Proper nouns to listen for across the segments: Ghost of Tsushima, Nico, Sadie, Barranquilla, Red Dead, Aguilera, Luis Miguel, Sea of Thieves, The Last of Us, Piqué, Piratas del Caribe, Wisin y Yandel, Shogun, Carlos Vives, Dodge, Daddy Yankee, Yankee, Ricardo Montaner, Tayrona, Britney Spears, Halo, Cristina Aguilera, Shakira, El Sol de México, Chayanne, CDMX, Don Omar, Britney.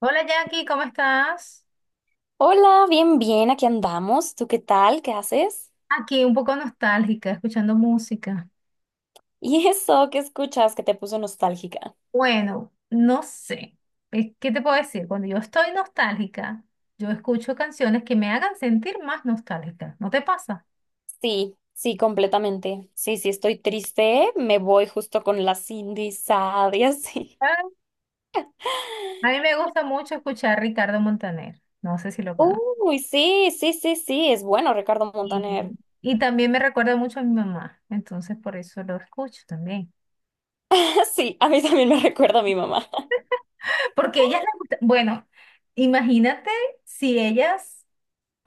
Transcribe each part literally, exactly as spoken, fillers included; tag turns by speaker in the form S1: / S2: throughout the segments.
S1: Hola Jackie, ¿cómo estás?
S2: Hola, bien, bien, aquí andamos. ¿Tú qué tal? ¿Qué haces?
S1: Aquí un poco nostálgica, escuchando música.
S2: ¿Y eso qué escuchas que te puso nostálgica?
S1: Bueno, no sé, eh, ¿qué te puedo decir? Cuando yo estoy nostálgica, yo escucho canciones que me hagan sentir más nostálgica. ¿No te pasa?
S2: Sí, sí, completamente. Sí, sí, estoy triste. Me voy justo con la Cindy Sad y así.
S1: Ah. A mí me gusta mucho escuchar Ricardo Montaner, no sé si lo conozco.
S2: Uy, sí, sí, sí, sí, es bueno Ricardo
S1: Y,
S2: Montaner.
S1: y también me recuerda mucho a mi mamá, entonces por eso lo escucho también.
S2: Sí, a mí también me recuerda a mi mamá.
S1: Porque ellas les gusta, bueno, imagínate si ellas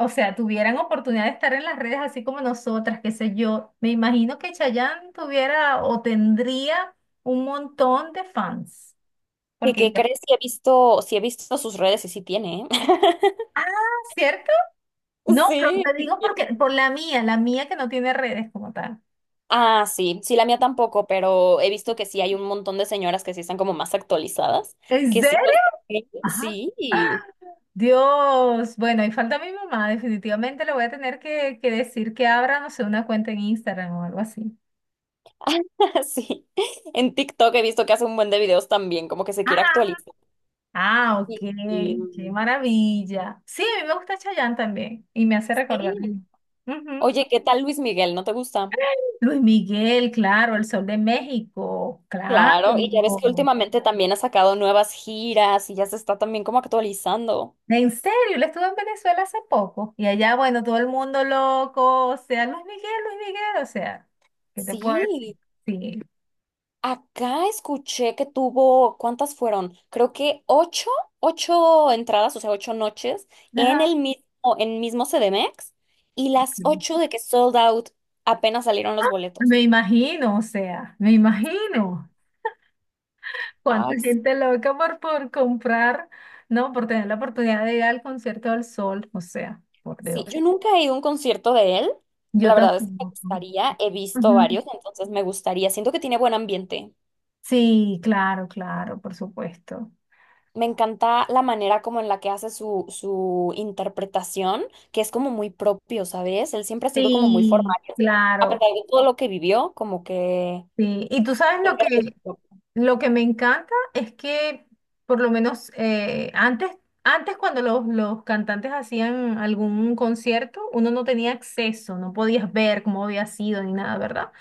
S1: o sea, tuvieran oportunidad de estar en las redes así como nosotras, qué sé yo, me imagino que Chayanne tuviera o tendría un montón de fans.
S2: ¿Qué,
S1: Porque
S2: qué
S1: ella.
S2: crees que he visto? Si he visto sus redes y sí tiene, ¿eh?
S1: Ah, ¿cierto? No, pero
S2: Sí,
S1: te
S2: sí
S1: digo porque
S2: tiene.
S1: por la mía, la mía que no tiene redes como tal.
S2: Ah, sí, sí, la mía tampoco, pero he visto que sí hay un montón de señoras que sí están como más actualizadas,
S1: ¿En
S2: que sí
S1: serio?
S2: los...
S1: Ajá.
S2: Sí,
S1: Dios, bueno, y falta mi mamá, definitivamente le voy a tener que, que decir que abra, no sé, una cuenta en Instagram o algo así.
S2: sí. En TikTok he visto que hace un buen de videos también, como que se quiere
S1: Ah,
S2: actualizar.
S1: ah, ok,
S2: Y, y-
S1: qué
S2: mm,
S1: maravilla. Sí, a mí me gusta Chayanne también y me hace recordar.
S2: Sí.
S1: Ujú.
S2: Oye, ¿qué tal Luis Miguel? ¿No te gusta?
S1: Luis Miguel, claro, El Sol de México, claro.
S2: Claro, y ya ves que últimamente también ha sacado nuevas giras y ya se está también como actualizando.
S1: En serio, él estuvo en Venezuela hace poco y allá, bueno, todo el mundo loco, o sea, Luis Miguel, Luis Miguel, o sea, ¿qué te puedo
S2: Sí.
S1: decir? Sí.
S2: Acá escuché que tuvo, ¿cuántas fueron? Creo que ocho, ocho entradas, o sea, ocho noches en
S1: Ajá.
S2: el mismo, en mismo C D M X y las ocho de que sold out apenas salieron los boletos.
S1: Me imagino, o sea, me imagino. Cuánta
S2: Ay, sí.
S1: gente loca por, por comprar, no, por tener la oportunidad de ir al concierto del sol, o sea, por
S2: Sí,
S1: Dios.
S2: yo nunca he ido a un concierto de él.
S1: Yo
S2: La verdad es que me
S1: tampoco.
S2: gustaría, he visto
S1: Ujú.
S2: varios, entonces me gustaría. Siento que tiene buen ambiente.
S1: Sí, claro, claro, por supuesto.
S2: Me encanta la manera como en la que hace su, su interpretación, que es como muy propio, ¿sabes? Él siempre ha sido como muy
S1: Sí,
S2: formal, a pesar
S1: claro,
S2: de todo lo que vivió, como que
S1: sí. Y tú sabes lo
S2: siempre ha sido
S1: que,
S2: propio.
S1: lo que me encanta es que, por lo menos eh, antes, antes cuando los, los cantantes hacían algún concierto, uno no tenía acceso, no podías ver cómo había sido ni nada, ¿verdad?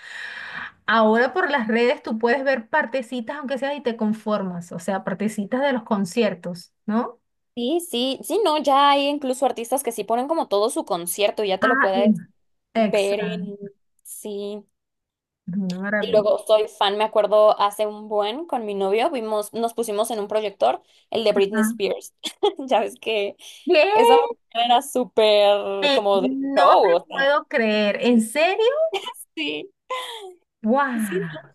S1: Ahora por las redes tú puedes ver partecitas, aunque sea, y te conformas, o sea, partecitas de los conciertos, ¿no?
S2: Sí, sí, sí, no, ya hay incluso artistas que sí ponen como todo su concierto y ya te lo
S1: Ah,
S2: puedes
S1: y-
S2: ver en...
S1: exacto,
S2: Sí.
S1: una
S2: Y
S1: maravilla.
S2: luego soy fan, me acuerdo hace un buen con mi novio, vimos, nos pusimos en un proyector el de Britney
S1: Ah.
S2: Spears. Ya ves que
S1: ¿Qué?
S2: esa mujer era súper
S1: Eh,
S2: como de
S1: no
S2: show,
S1: te
S2: o sea,
S1: puedo creer, ¿en serio?
S2: sí, sí, ¿no?
S1: ¡Wow!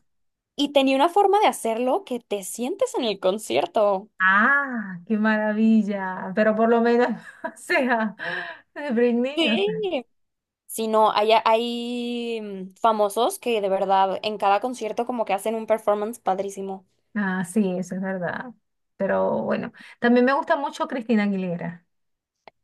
S2: Y tenía una forma de hacerlo que te sientes en el concierto.
S1: Ah, qué maravilla. Pero por lo menos, o sea, de Britney, o sea.
S2: Sí. Si no, hay, hay mm, famosos que de verdad en cada concierto como que hacen un performance padrísimo.
S1: Ah, sí, eso es verdad. Pero bueno, también me gusta mucho Cristina Aguilera.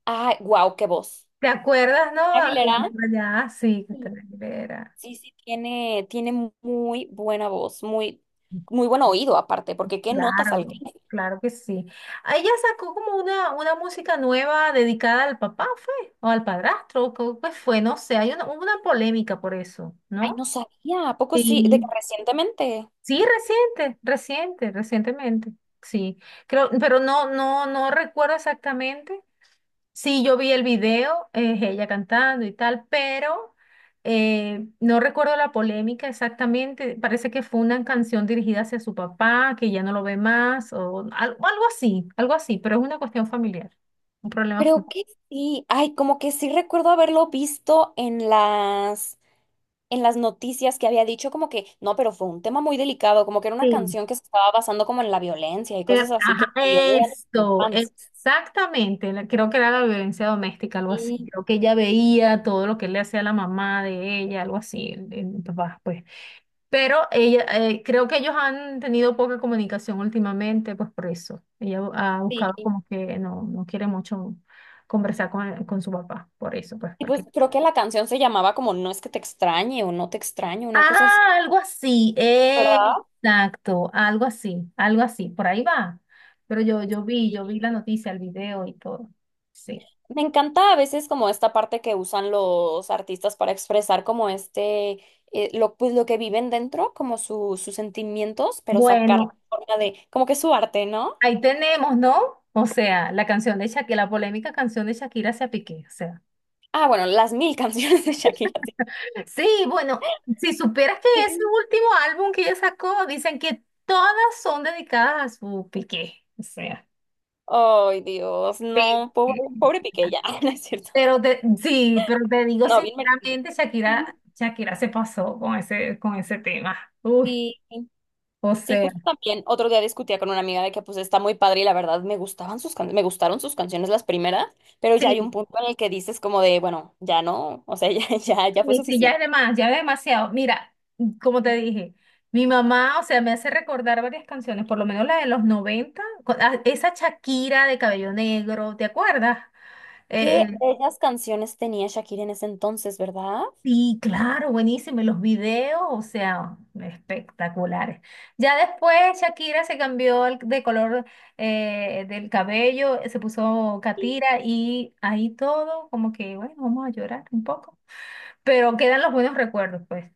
S2: Ay, wow, qué voz.
S1: ¿Te acuerdas, no?
S2: Aguilera.
S1: Por allá, sí, Cristina Aguilera.
S2: Sí, sí, tiene, tiene muy buena voz, muy, muy buen oído aparte, porque qué notas
S1: Claro,
S2: alcanza.
S1: claro que sí. Ah, ella sacó como una, una música nueva dedicada al papá, ¿fue? O al padrastro, ¿qué fue? No sé, hay una, hubo una polémica por eso,
S2: Ay, no
S1: ¿no?
S2: sabía, ¿a poco sí? De que
S1: Sí.
S2: recientemente.
S1: Sí, reciente, reciente, recientemente. Sí, creo, pero no, no, no recuerdo exactamente. Sí, yo vi el video, es ella cantando y tal, pero eh, no recuerdo la polémica exactamente. Parece que fue una canción dirigida hacia su papá, que ya no lo ve más, o al- algo así, algo así, pero es una cuestión familiar, un problema
S2: Creo que sí. Ay, como que sí recuerdo haberlo visto en las, en las noticias que había dicho como que, no, pero fue un tema muy delicado, como que era una
S1: familiar.
S2: canción que se estaba basando como en la violencia y
S1: Eh,
S2: cosas así que
S1: ajá,
S2: dio de la
S1: esto,
S2: infancia.
S1: exactamente, la- creo que era la violencia doméstica, algo así.
S2: Y
S1: Creo que ella veía todo lo que le hacía la mamá de ella, algo así, el- el papá, pues. Pero ella, eh, creo que ellos han tenido poca comunicación últimamente, pues por eso. Ella bu- ha buscado
S2: sí.
S1: como que no, no quiere mucho conversar con, con su papá, por eso, pues,
S2: Y pues
S1: porque
S2: creo que la canción se llamaba como No es que te extrañe o No te extraño, una cosa así,
S1: ah, algo así,
S2: ¿verdad?
S1: exacto, algo así, algo así, por ahí va. Pero yo, yo vi, yo vi la noticia, el video y todo. Sí.
S2: Me encanta a veces como esta parte que usan los artistas para expresar como este, eh, lo, pues lo que viven dentro, como su- sus sentimientos, pero sacar
S1: Bueno,
S2: forma de, como que su arte, ¿no?
S1: ahí tenemos, ¿no? O sea, la canción de Shakira, la polémica canción de Shakira hacia Piqué, o sea.
S2: Ah, bueno, las mil canciones de Shakira. Sí.
S1: Sí, bueno, si supieras que ese
S2: Sí.
S1: último álbum que ella sacó, dicen que todas son dedicadas a su Piqué, o sea.
S2: Ay, Dios,
S1: Sí.
S2: no, pobre, pobre Piqué ya, no es cierto.
S1: Pero te, sí, pero te digo
S2: No, bien merecido.
S1: sinceramente, Shakira, Shakira se pasó con ese, con ese tema. Uy,
S2: Sí.
S1: o
S2: Sí,
S1: sea,
S2: justo también otro día discutía con una amiga de que pues está muy padre y la verdad me gustaban sus can- me gustaron sus canciones las primeras, pero ya hay
S1: sí,
S2: un punto en el que dices como de, bueno, ya no, o sea, ya ya ya fue
S1: sí, sí, ya es de
S2: suficiente.
S1: más, ya es demasiado. Mira, como te dije, mi mamá, o sea, me hace recordar varias canciones, por lo menos la de los noventa con- ah, esa Shakira de cabello negro, ¿te acuerdas? Eh,
S2: ¿Qué bellas canciones tenía Shakira en ese entonces, verdad?
S1: Sí, claro, buenísimo. Y los videos, o sea, espectaculares. Ya después Shakira se cambió el- de color eh, del cabello, se puso Katira y ahí todo, como que, bueno, vamos a llorar un poco. Pero quedan los buenos recuerdos, pues.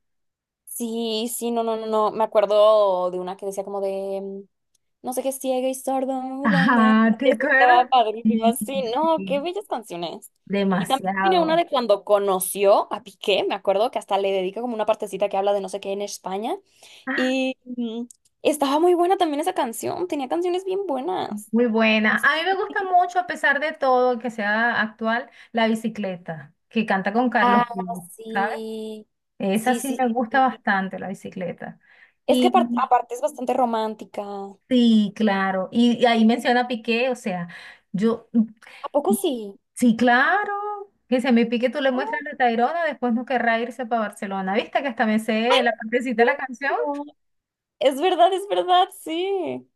S2: Sí, sí, no, no, no, no, me acuerdo de una que decía como de No sé qué es ciega y sordo. Dan, dan.
S1: Ajá, ¿te
S2: Esa
S1: acuerdas?
S2: estaba padrísima.
S1: Sí,
S2: Sí, no, qué
S1: sí.
S2: bellas canciones. Y también tiene una
S1: Demasiado.
S2: de cuando conoció a Piqué, me acuerdo que hasta le dedica como una partecita que habla de no sé qué en España.
S1: Ah,
S2: Y mm, Estaba muy buena también esa canción, tenía canciones bien buenas.
S1: muy buena. A mí me gusta mucho, a pesar de todo, que sea actual, la bicicleta, que canta con Carlos
S2: Ah,
S1: Vives, ¿sabes?
S2: sí.
S1: Esa
S2: Sí,
S1: sí
S2: sí,
S1: me gusta
S2: sí.
S1: bastante, la bicicleta.
S2: Es que aparte,
S1: Y
S2: aparte es bastante romántica. ¿A
S1: sí, claro. Y, y ahí menciona Piqué, o sea, yo,
S2: poco sí?
S1: sí, claro, que se me pique tú le muestras
S2: Oh,
S1: la Tayrona, después no querrá irse para Barcelona. ¿Viste que hasta me
S2: ah,
S1: sé la partecita de la canción?
S2: cierto. Es verdad, es verdad, sí.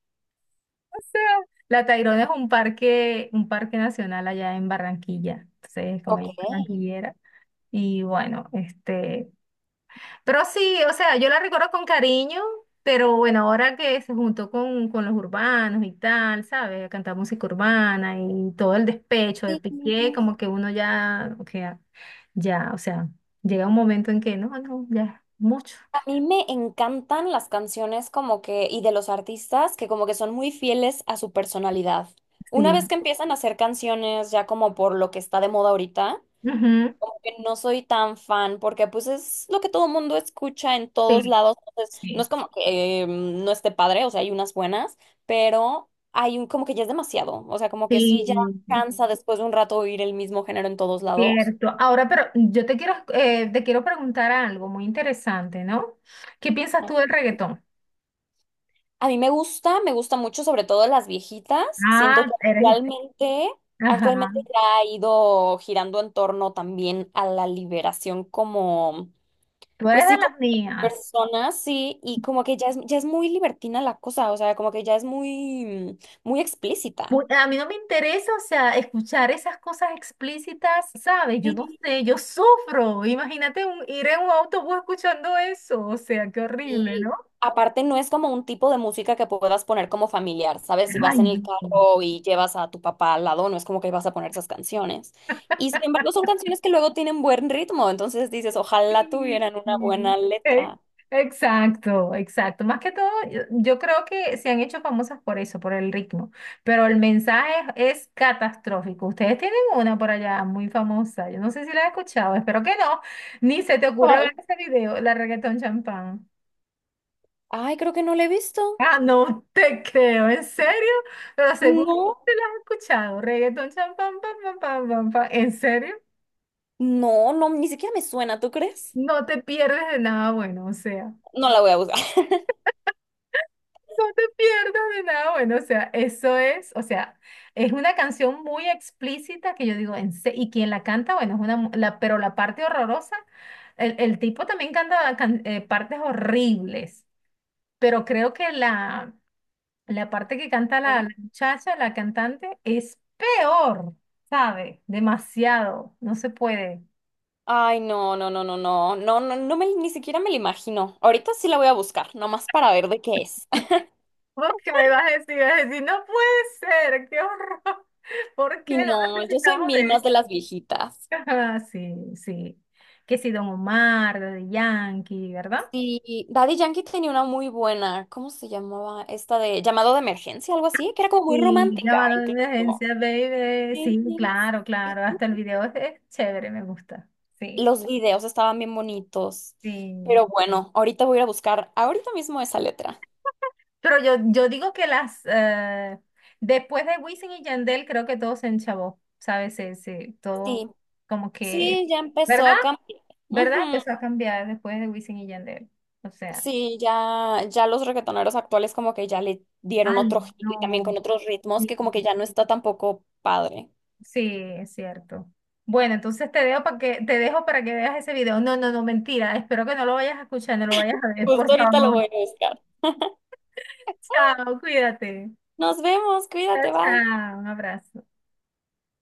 S1: O sea, la Tayrona es un parque, un parque nacional allá en Barranquilla. Entonces, como ella es
S2: Ok.
S1: barranquillera. Y bueno, este, pero sí, o sea, yo la recuerdo con cariño, pero bueno, ahora que se juntó con, con los urbanos y tal, ¿sabes? A cantar música urbana y todo el despecho de
S2: Sí.
S1: Piqué, como que uno ya, o sea, ya, o sea, llega un momento en que no, no, ya, mucho.
S2: A mí me encantan las canciones como que, y de los artistas que como que son muy fieles a su personalidad. Una vez
S1: Sí.
S2: que empiezan a hacer canciones ya como por lo que está de moda ahorita,
S1: Ujú,
S2: como que no soy tan fan porque pues es lo que todo el mundo escucha en todos
S1: sí,
S2: lados. Entonces, no es
S1: sí,
S2: como que eh, no esté padre, o sea, hay unas buenas, pero hay un como que ya es demasiado. O sea, como que sí ya
S1: sí,
S2: cansa después de un rato oír el mismo género en todos lados.
S1: cierto. Ahora, pero yo te quiero, eh, te quiero preguntar algo muy interesante, ¿no? ¿Qué piensas tú del reggaetón?
S2: A mí me gusta, me gusta mucho, sobre todo las viejitas. Siento
S1: Ah,
S2: que
S1: eres,
S2: actualmente,
S1: ajá,
S2: actualmente ya ha ido girando en torno también a la liberación como,
S1: tú
S2: pues
S1: eres de
S2: sí, como
S1: las mías.
S2: personas, sí, y como que ya es, ya es muy libertina la cosa, o sea, como que ya es muy, mm, muy explícita.
S1: Mu- A mí no me interesa, o sea, escuchar esas cosas explícitas, ¿sabes? Yo no sé, yo sufro. Imagínate un- ir en un autobús escuchando eso, o sea, qué horrible,
S2: Y
S1: ¿no?
S2: aparte no es como un tipo de música que puedas poner como familiar, ¿sabes? Si
S1: Ay,
S2: vas en
S1: no.
S2: el carro y llevas a tu papá al lado, no es como que vas a poner esas canciones. Y sin embargo son canciones que luego tienen buen ritmo, entonces dices, ojalá tuvieran una
S1: Sí, sí.
S2: buena
S1: Eh,
S2: letra.
S1: exacto, exacto. Más que todo, yo, yo creo que se han hecho famosas por eso, por el ritmo, pero el mensaje es, es catastrófico. Ustedes tienen una por allá muy famosa, yo no sé si la has escuchado, espero que no, ni se te ocurra ver
S2: ¿Cuál?
S1: ese video, la reggaetón champán.
S2: Ay, creo que no la he visto.
S1: Ah, no te creo, ¿en serio? Pero seguro
S2: No,
S1: que lo has escuchado. Reggaetón, cham, pam, pam, pam, pam, pam, pam. ¿En serio?
S2: no, no, ni siquiera me suena, ¿tú crees?
S1: No te pierdes de nada bueno, o sea,
S2: No la voy a buscar.
S1: no te pierdas de nada bueno, o sea, eso es, o sea, es una canción muy explícita que yo digo, en se- y quien la canta, bueno, es una, mu- la, pero la parte horrorosa, el, el tipo también canta can- eh, partes horribles, pero creo que la, La parte que canta la,
S2: Ah.
S1: la muchacha, la cantante, es peor, ¿sabe? Demasiado, no se puede.
S2: Ay, no, no, no, no, no, no, no, no me, ni siquiera me la imagino. Ahorita sí la voy a buscar, nomás para ver de qué es.
S1: ¿Vos qué me vas a decir? Vas a decir, no puede ser, qué horror. ¿Por qué
S2: Y
S1: no
S2: no, yo soy
S1: necesitamos
S2: mil
S1: de
S2: más de las
S1: esto?
S2: viejitas.
S1: Ah, sí, sí. Que si Don Omar, de Yankee, ¿verdad?
S2: Sí, Daddy Yankee tenía una muy buena, ¿cómo se llamaba? Esta de llamado de emergencia, algo así, que era como muy
S1: Sí,
S2: romántica,
S1: llamada de
S2: incluso.
S1: emergencia, baby. Sí,
S2: Sí.
S1: claro, claro. Hasta el video es, es chévere, me gusta. Sí,
S2: Los videos estaban bien bonitos.
S1: sí.
S2: Pero bueno, ahorita voy a ir a buscar ahorita mismo esa letra.
S1: Pero yo, yo digo que las eh, después de Wisin y Yandel creo que todo se enchabó, ¿sabes? Se, se- todo
S2: Sí,
S1: como que,
S2: sí, ya empezó
S1: ¿verdad?
S2: a cambiar.
S1: ¿Verdad?
S2: Ujú.
S1: Empezó a cambiar después de Wisin y Yandel. O sea,
S2: Sí, ya, ya los reggaetoneros actuales como que ya le dieron
S1: ay,
S2: otro giro y también con
S1: no.
S2: otros ritmos que
S1: Sí,
S2: como que ya no está tampoco padre.
S1: sí, es cierto. Bueno, entonces te dejo para que te dejo para que veas ese video. No, no, no, mentira. Espero que no lo vayas a escuchar, no lo vayas a ver,
S2: Justo
S1: por
S2: ahorita lo
S1: favor.
S2: voy a buscar.
S1: Chao, cuídate.
S2: Nos vemos,
S1: Chao,
S2: cuídate, bye.
S1: chao, un abrazo.